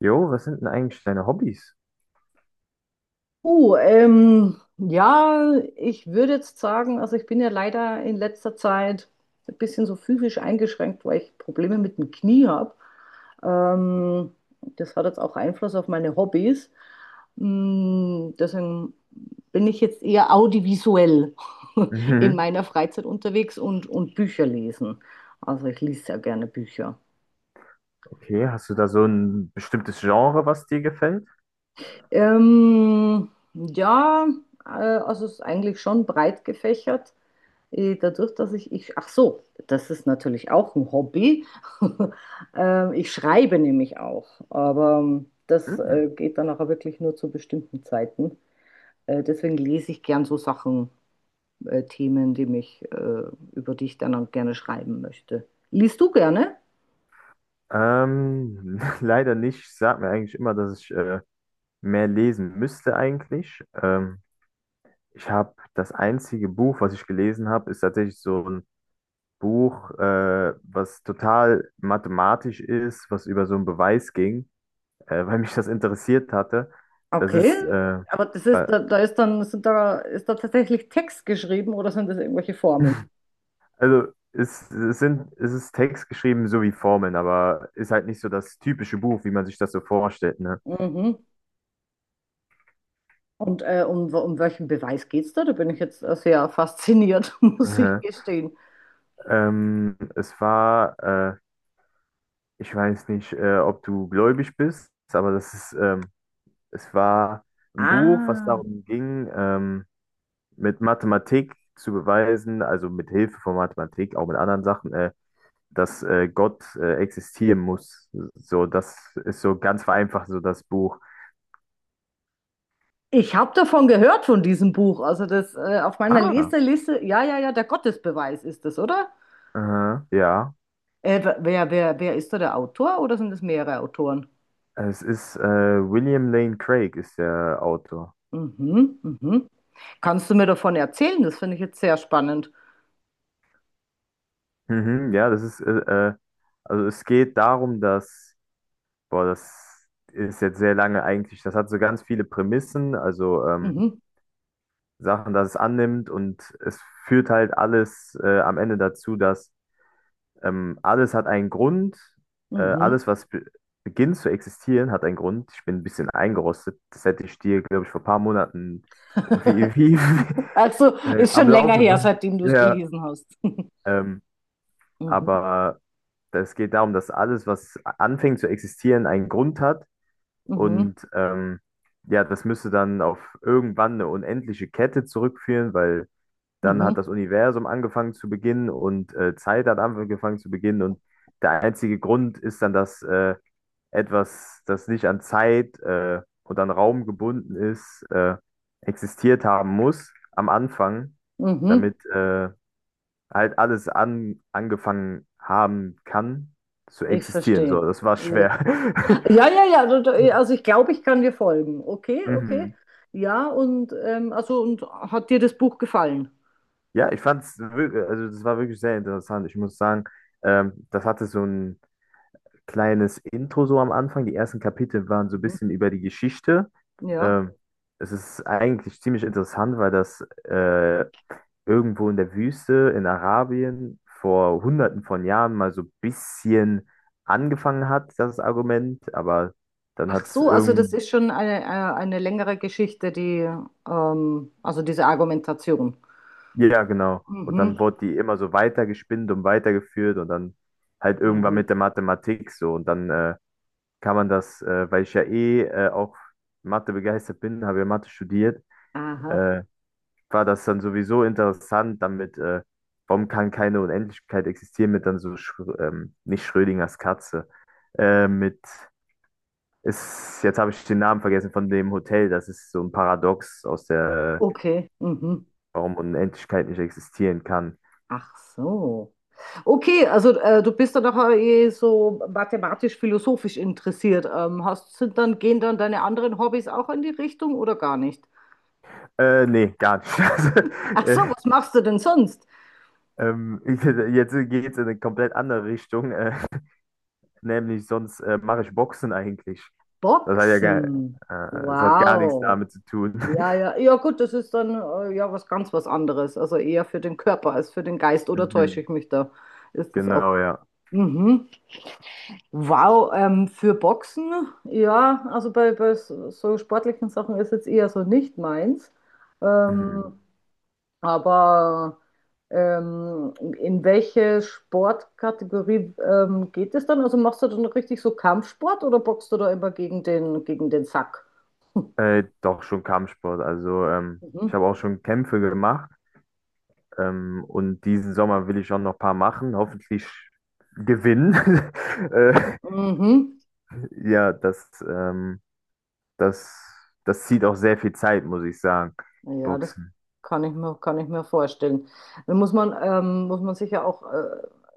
Jo, was sind denn eigentlich deine Hobbys? Oh, ja, ich würde jetzt sagen, also ich bin ja leider in letzter Zeit ein bisschen so physisch eingeschränkt, weil ich Probleme mit dem Knie habe. Ähm, Das hat jetzt auch Einfluss auf meine Hobbys. Deswegen bin ich jetzt eher audiovisuell in Mhm. meiner Freizeit unterwegs und Bücher lesen. Also ich lese sehr gerne Bücher. Okay, hast du da so ein bestimmtes Genre, was dir gefällt? Ja, also es ist eigentlich schon breit gefächert. Dadurch, dass ach so, das ist natürlich auch ein Hobby. Ich schreibe nämlich auch, aber das Mhm. Geht dann auch wirklich nur zu bestimmten Zeiten. Deswegen lese ich gern so Sachen, Themen, die mich, über die ich dann auch gerne schreiben möchte. Liest du gerne? Leider nicht. Ich sag mir eigentlich immer, dass ich mehr lesen müsste eigentlich. Ich habe das einzige Buch, was ich gelesen habe, ist tatsächlich so ein Buch, was total mathematisch ist, was über so einen Beweis ging, weil mich das interessiert hatte. Das Okay, ist aber das ist, äh, da ist dann, sind da, ist da tatsächlich Text geschrieben oder sind das irgendwelche Formeln? Also es sind, es ist Text geschrieben so wie Formeln, aber ist halt nicht so das typische Buch, wie man sich das so vorstellt, ne? Mhm. Und um welchen Beweis geht's da? Da bin ich jetzt sehr fasziniert, muss ich Mhm. gestehen. Ähm, es war, äh, ich weiß nicht, ob du gläubig bist, aber es war ein Buch, was Ah, darum ging, mit Mathematik zu beweisen, also mit Hilfe von Mathematik, auch mit anderen Sachen, dass Gott existieren muss. So, das ist so ganz vereinfacht so das Buch. ich habe davon gehört von diesem Buch. Also das auf meiner Ah, Leseliste, ja, ja, ja, der Gottesbeweis ist das, oder? aha, ja. Wer, wer, wer ist da der Autor oder sind es mehrere Autoren? Es ist William Lane Craig ist der Autor. Mhm, mhm. Kannst du mir davon erzählen? Das finde ich jetzt sehr spannend. Mhm, ja, also es geht darum, dass, boah, das ist jetzt sehr lange eigentlich, das hat so ganz viele Prämissen, also Mhm, Sachen, dass es annimmt und es führt halt alles am Ende dazu, dass alles hat einen Grund, mhm. alles, was be beginnt zu existieren, hat einen Grund. Ich bin ein bisschen eingerostet, das hätte ich dir, glaube ich, vor ein paar Monaten wie, wie, Also ist am schon länger laufenden her, Band. seitdem du es Ja, gelesen hast. Ähm, Mhm, aber es geht darum, dass alles, was anfängt zu existieren, einen Grund hat. mhm, Und ja, das müsste dann auf irgendwann eine unendliche Kette zurückführen, weil dann hat mhm, das Universum angefangen zu beginnen und Zeit hat angefangen zu beginnen. Und der einzige Grund ist dann, dass etwas, das nicht an Zeit und an Raum gebunden ist, existiert haben muss am Anfang, mhm. damit halt alles angefangen haben kann zu Ich existieren. So, verstehe. das war Äh, schwer. Ja, ja, ja, also ich glaube, ich kann dir folgen. Okay, okay. Mhm. Ja, und also und hat dir das Buch gefallen? Ja, ich fand's wirklich, also das war wirklich sehr interessant. Ich muss sagen, das hatte so ein kleines Intro so am Anfang. Die ersten Kapitel waren so ein Mhm. bisschen über die Geschichte. Ja. Ähm, es ist eigentlich ziemlich interessant, weil das irgendwo in der Wüste in Arabien vor hunderten von Jahren mal so ein bisschen angefangen hat, das Argument, aber dann Ach hat es so, also das irgend, ist schon eine längere Geschichte, die also diese Argumentation. ja, genau. Und dann Mhm. wurde die immer so weitergespinnt und weitergeführt und dann halt irgendwann Mhm. mit der Mathematik so. Und dann kann man das, weil ich ja eh auch Mathe begeistert bin, habe ja Mathe studiert, Aha. äh, war das dann sowieso interessant, damit, warum kann keine Unendlichkeit existieren mit dann so, nicht Schrödingers Katze, äh, mit, jetzt habe ich den Namen vergessen von dem Hotel, das ist so ein Paradox aus der, Okay. Mhm. warum Unendlichkeit nicht existieren kann. Ach so. Okay, also du bist dann doch eh so mathematisch-philosophisch interessiert. Hast, sind dann, gehen dann deine anderen Hobbys auch in die Richtung oder gar nicht? Nee, gar nicht. Ach äh, so, was machst du denn sonst? Ich, jetzt geht es in eine komplett andere Richtung, nämlich sonst mache ich Boxen eigentlich. Boxen. Das hat gar nichts Wow. damit zu tun. Ja, ja, ja, gut, das ist dann ja was ganz was anderes. Also eher für den Körper als für den Geist. Oder täusche Mhm, ich mich da? Ist das auch? genau, ja. Mhm. Wow, für Boxen, ja, also bei, bei so sportlichen Sachen ist jetzt eher so nicht meins. Mhm. Ähm, Aber in welche Sportkategorie geht es dann? Also machst du dann richtig so Kampfsport oder boxst du da immer gegen den Sack? Doch schon Kampfsport. Also ich Mhm. habe auch schon Kämpfe gemacht, und diesen Sommer will ich auch noch ein paar machen. Hoffentlich gewinnen. äh, Mhm. ja, das, ähm, das, das zieht auch sehr viel Zeit, muss ich sagen. Ja, das Boxen. Kann ich mir vorstellen. Dann muss man sicher auch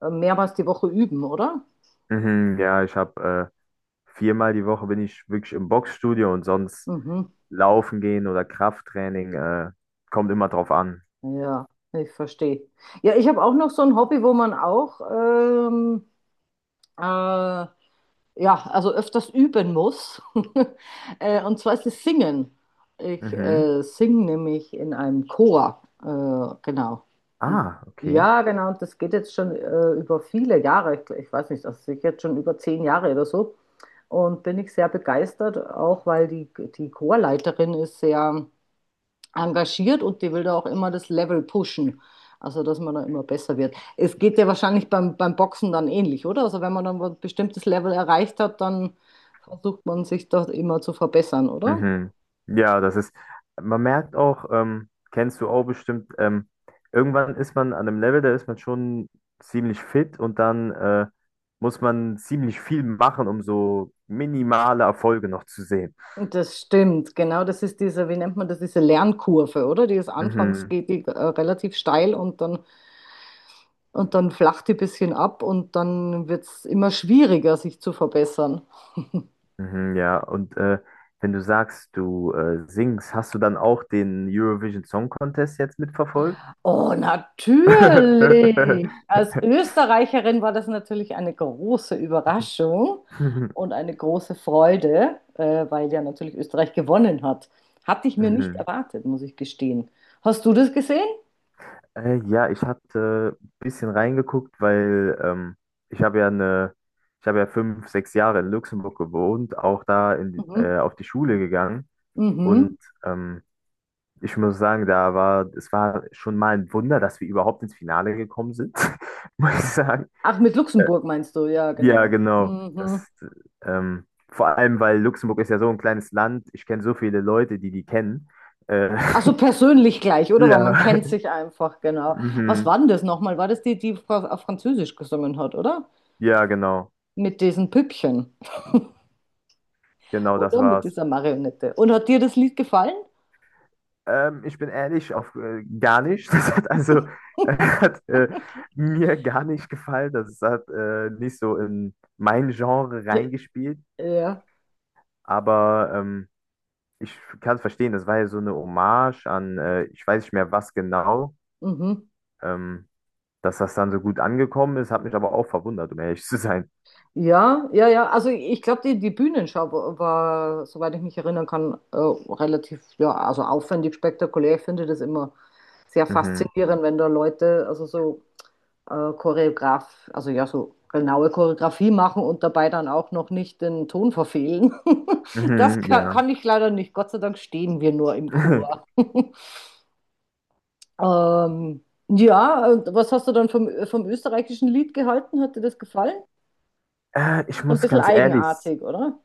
mehrmals die Woche üben, oder? Mhm, ja, ich habe viermal die Woche bin ich wirklich im Boxstudio und sonst Mhm. laufen gehen oder Krafttraining kommt immer drauf an. Ja, ich verstehe. Ja, ich habe auch noch so ein Hobby, wo man auch äh, ja, also öfters üben muss. Und zwar ist es Singen. Ich Mhm. Singe nämlich in einem Chor. Genau. Ah, okay. Ja, genau. Und das geht jetzt schon über viele Jahre. Ich weiß nicht, das ist sicher jetzt schon über 10 Jahre oder so. Und bin ich sehr begeistert, auch weil die, die Chorleiterin ist sehr engagiert und die will da auch immer das Level pushen. Also, dass man da immer besser wird. Es geht ja wahrscheinlich beim, beim Boxen dann ähnlich, oder? Also, wenn man dann ein bestimmtes Level erreicht hat, dann versucht man sich da immer zu verbessern, oder? Mhm. Ja, das ist, man merkt auch, kennst du auch bestimmt, irgendwann ist man an einem Level, da ist man schon ziemlich fit und dann muss man ziemlich viel machen, um so minimale Erfolge noch zu sehen. Und das stimmt, genau. Das ist diese, wie nennt man das, diese Lernkurve, oder? Die ist anfangs Mhm. geht die relativ steil und dann flacht die ein bisschen ab und dann wird es immer schwieriger, sich zu verbessern. Mhm, ja, und wenn du sagst, du singst, hast du dann auch den Eurovision Song Contest jetzt mitverfolgt? Oh, natürlich. Als Österreicherin war das natürlich eine große Überraschung und eine große Freude, weil ja natürlich Österreich gewonnen hat. Hatte ich mir nicht Mhm. erwartet, muss ich gestehen. Hast du das gesehen? Ja, ich hatte ein bisschen reingeguckt, weil ich habe ja eine, ich habe ja fünf, sechs Jahre in Luxemburg gewohnt, auch da Mhm. Auf die Schule gegangen. Und Mhm. ähm, ich muss sagen, da war, es war schon mal ein Wunder, dass wir überhaupt ins Finale gekommen sind, muss ich sagen. Ach, mit Luxemburg meinst du? Ja, Ja, genau. genau. Mhm. Vor allem, weil Luxemburg ist ja so ein kleines Land. Ich kenne so viele Leute, die kennen. Äh, Ach so, persönlich gleich, oder? ja, Weil man kennt sich einfach, genau. Was mhm. war denn das nochmal? War das die, die auf Französisch gesungen hat, oder? Ja, genau. Mit diesen Püppchen. Genau, das Oder? Mit war's. dieser Marionette. Und hat dir das Lied gefallen? Ich bin ehrlich, auf gar nicht. Das hat hat mir gar nicht gefallen. Das hat nicht so in mein Genre reingespielt. Ja. Aber ich kann es verstehen. Das war ja so eine Hommage an, ich weiß nicht mehr was genau, Mhm. ähm, dass das dann so gut angekommen ist. Hat mich aber auch verwundert, um ehrlich zu sein. Ja, ja, ja. Also ich glaube, die, die Bühnenschau war, soweit ich mich erinnern kann, relativ, ja, also aufwendig, spektakulär. Ich finde das immer sehr Mhm. faszinierend, wenn da Leute, also so Choreograf, also ja, so genaue Choreografie machen und dabei dann auch noch nicht den Ton verfehlen. Das Mhm, kann, ja. kann ich leider nicht. Gott sei Dank stehen wir nur im Chor. Ja, und was hast du dann vom, vom österreichischen Lied gehalten? Hat dir das gefallen? Ich So ein muss bisschen ganz ehrlich. eigenartig, oder?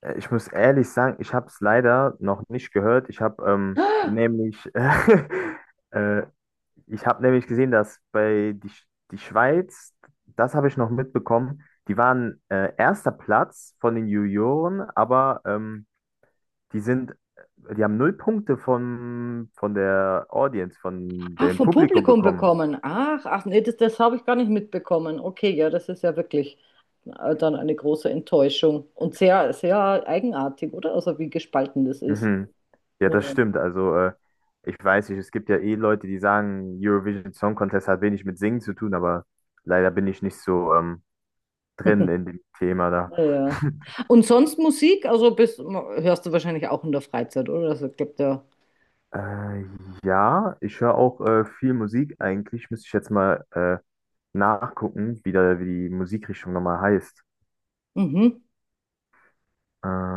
Ich muss ehrlich sagen, ich habe es leider noch nicht gehört. Ich habe ich habe nämlich gesehen, dass die Schweiz, das habe ich noch mitbekommen, die waren erster Platz von den Junioren, aber die sind, die haben null Punkte von der Audience, von Ach, dem vom Publikum Publikum bekommen. bekommen. Ach, ach nee, das, das habe ich gar nicht mitbekommen. Okay, ja, das ist ja wirklich dann eine große Enttäuschung und sehr, sehr eigenartig, oder? Also wie gespalten das ist. Mhm. Ja, Ja. das stimmt. Also ich weiß nicht, es gibt ja eh Leute, die sagen, Eurovision Song Contest hat wenig mit Singen zu tun, aber leider bin ich nicht so drin in dem Thema da. Ja, ja. Und sonst Musik, also bist, hörst du wahrscheinlich auch in der Freizeit, oder? Also, ich glaube, der. Äh, ja, ich höre auch viel Musik eigentlich. Müsste ich jetzt mal nachgucken, wie die Musikrichtung nochmal heißt. Mhm. Äh,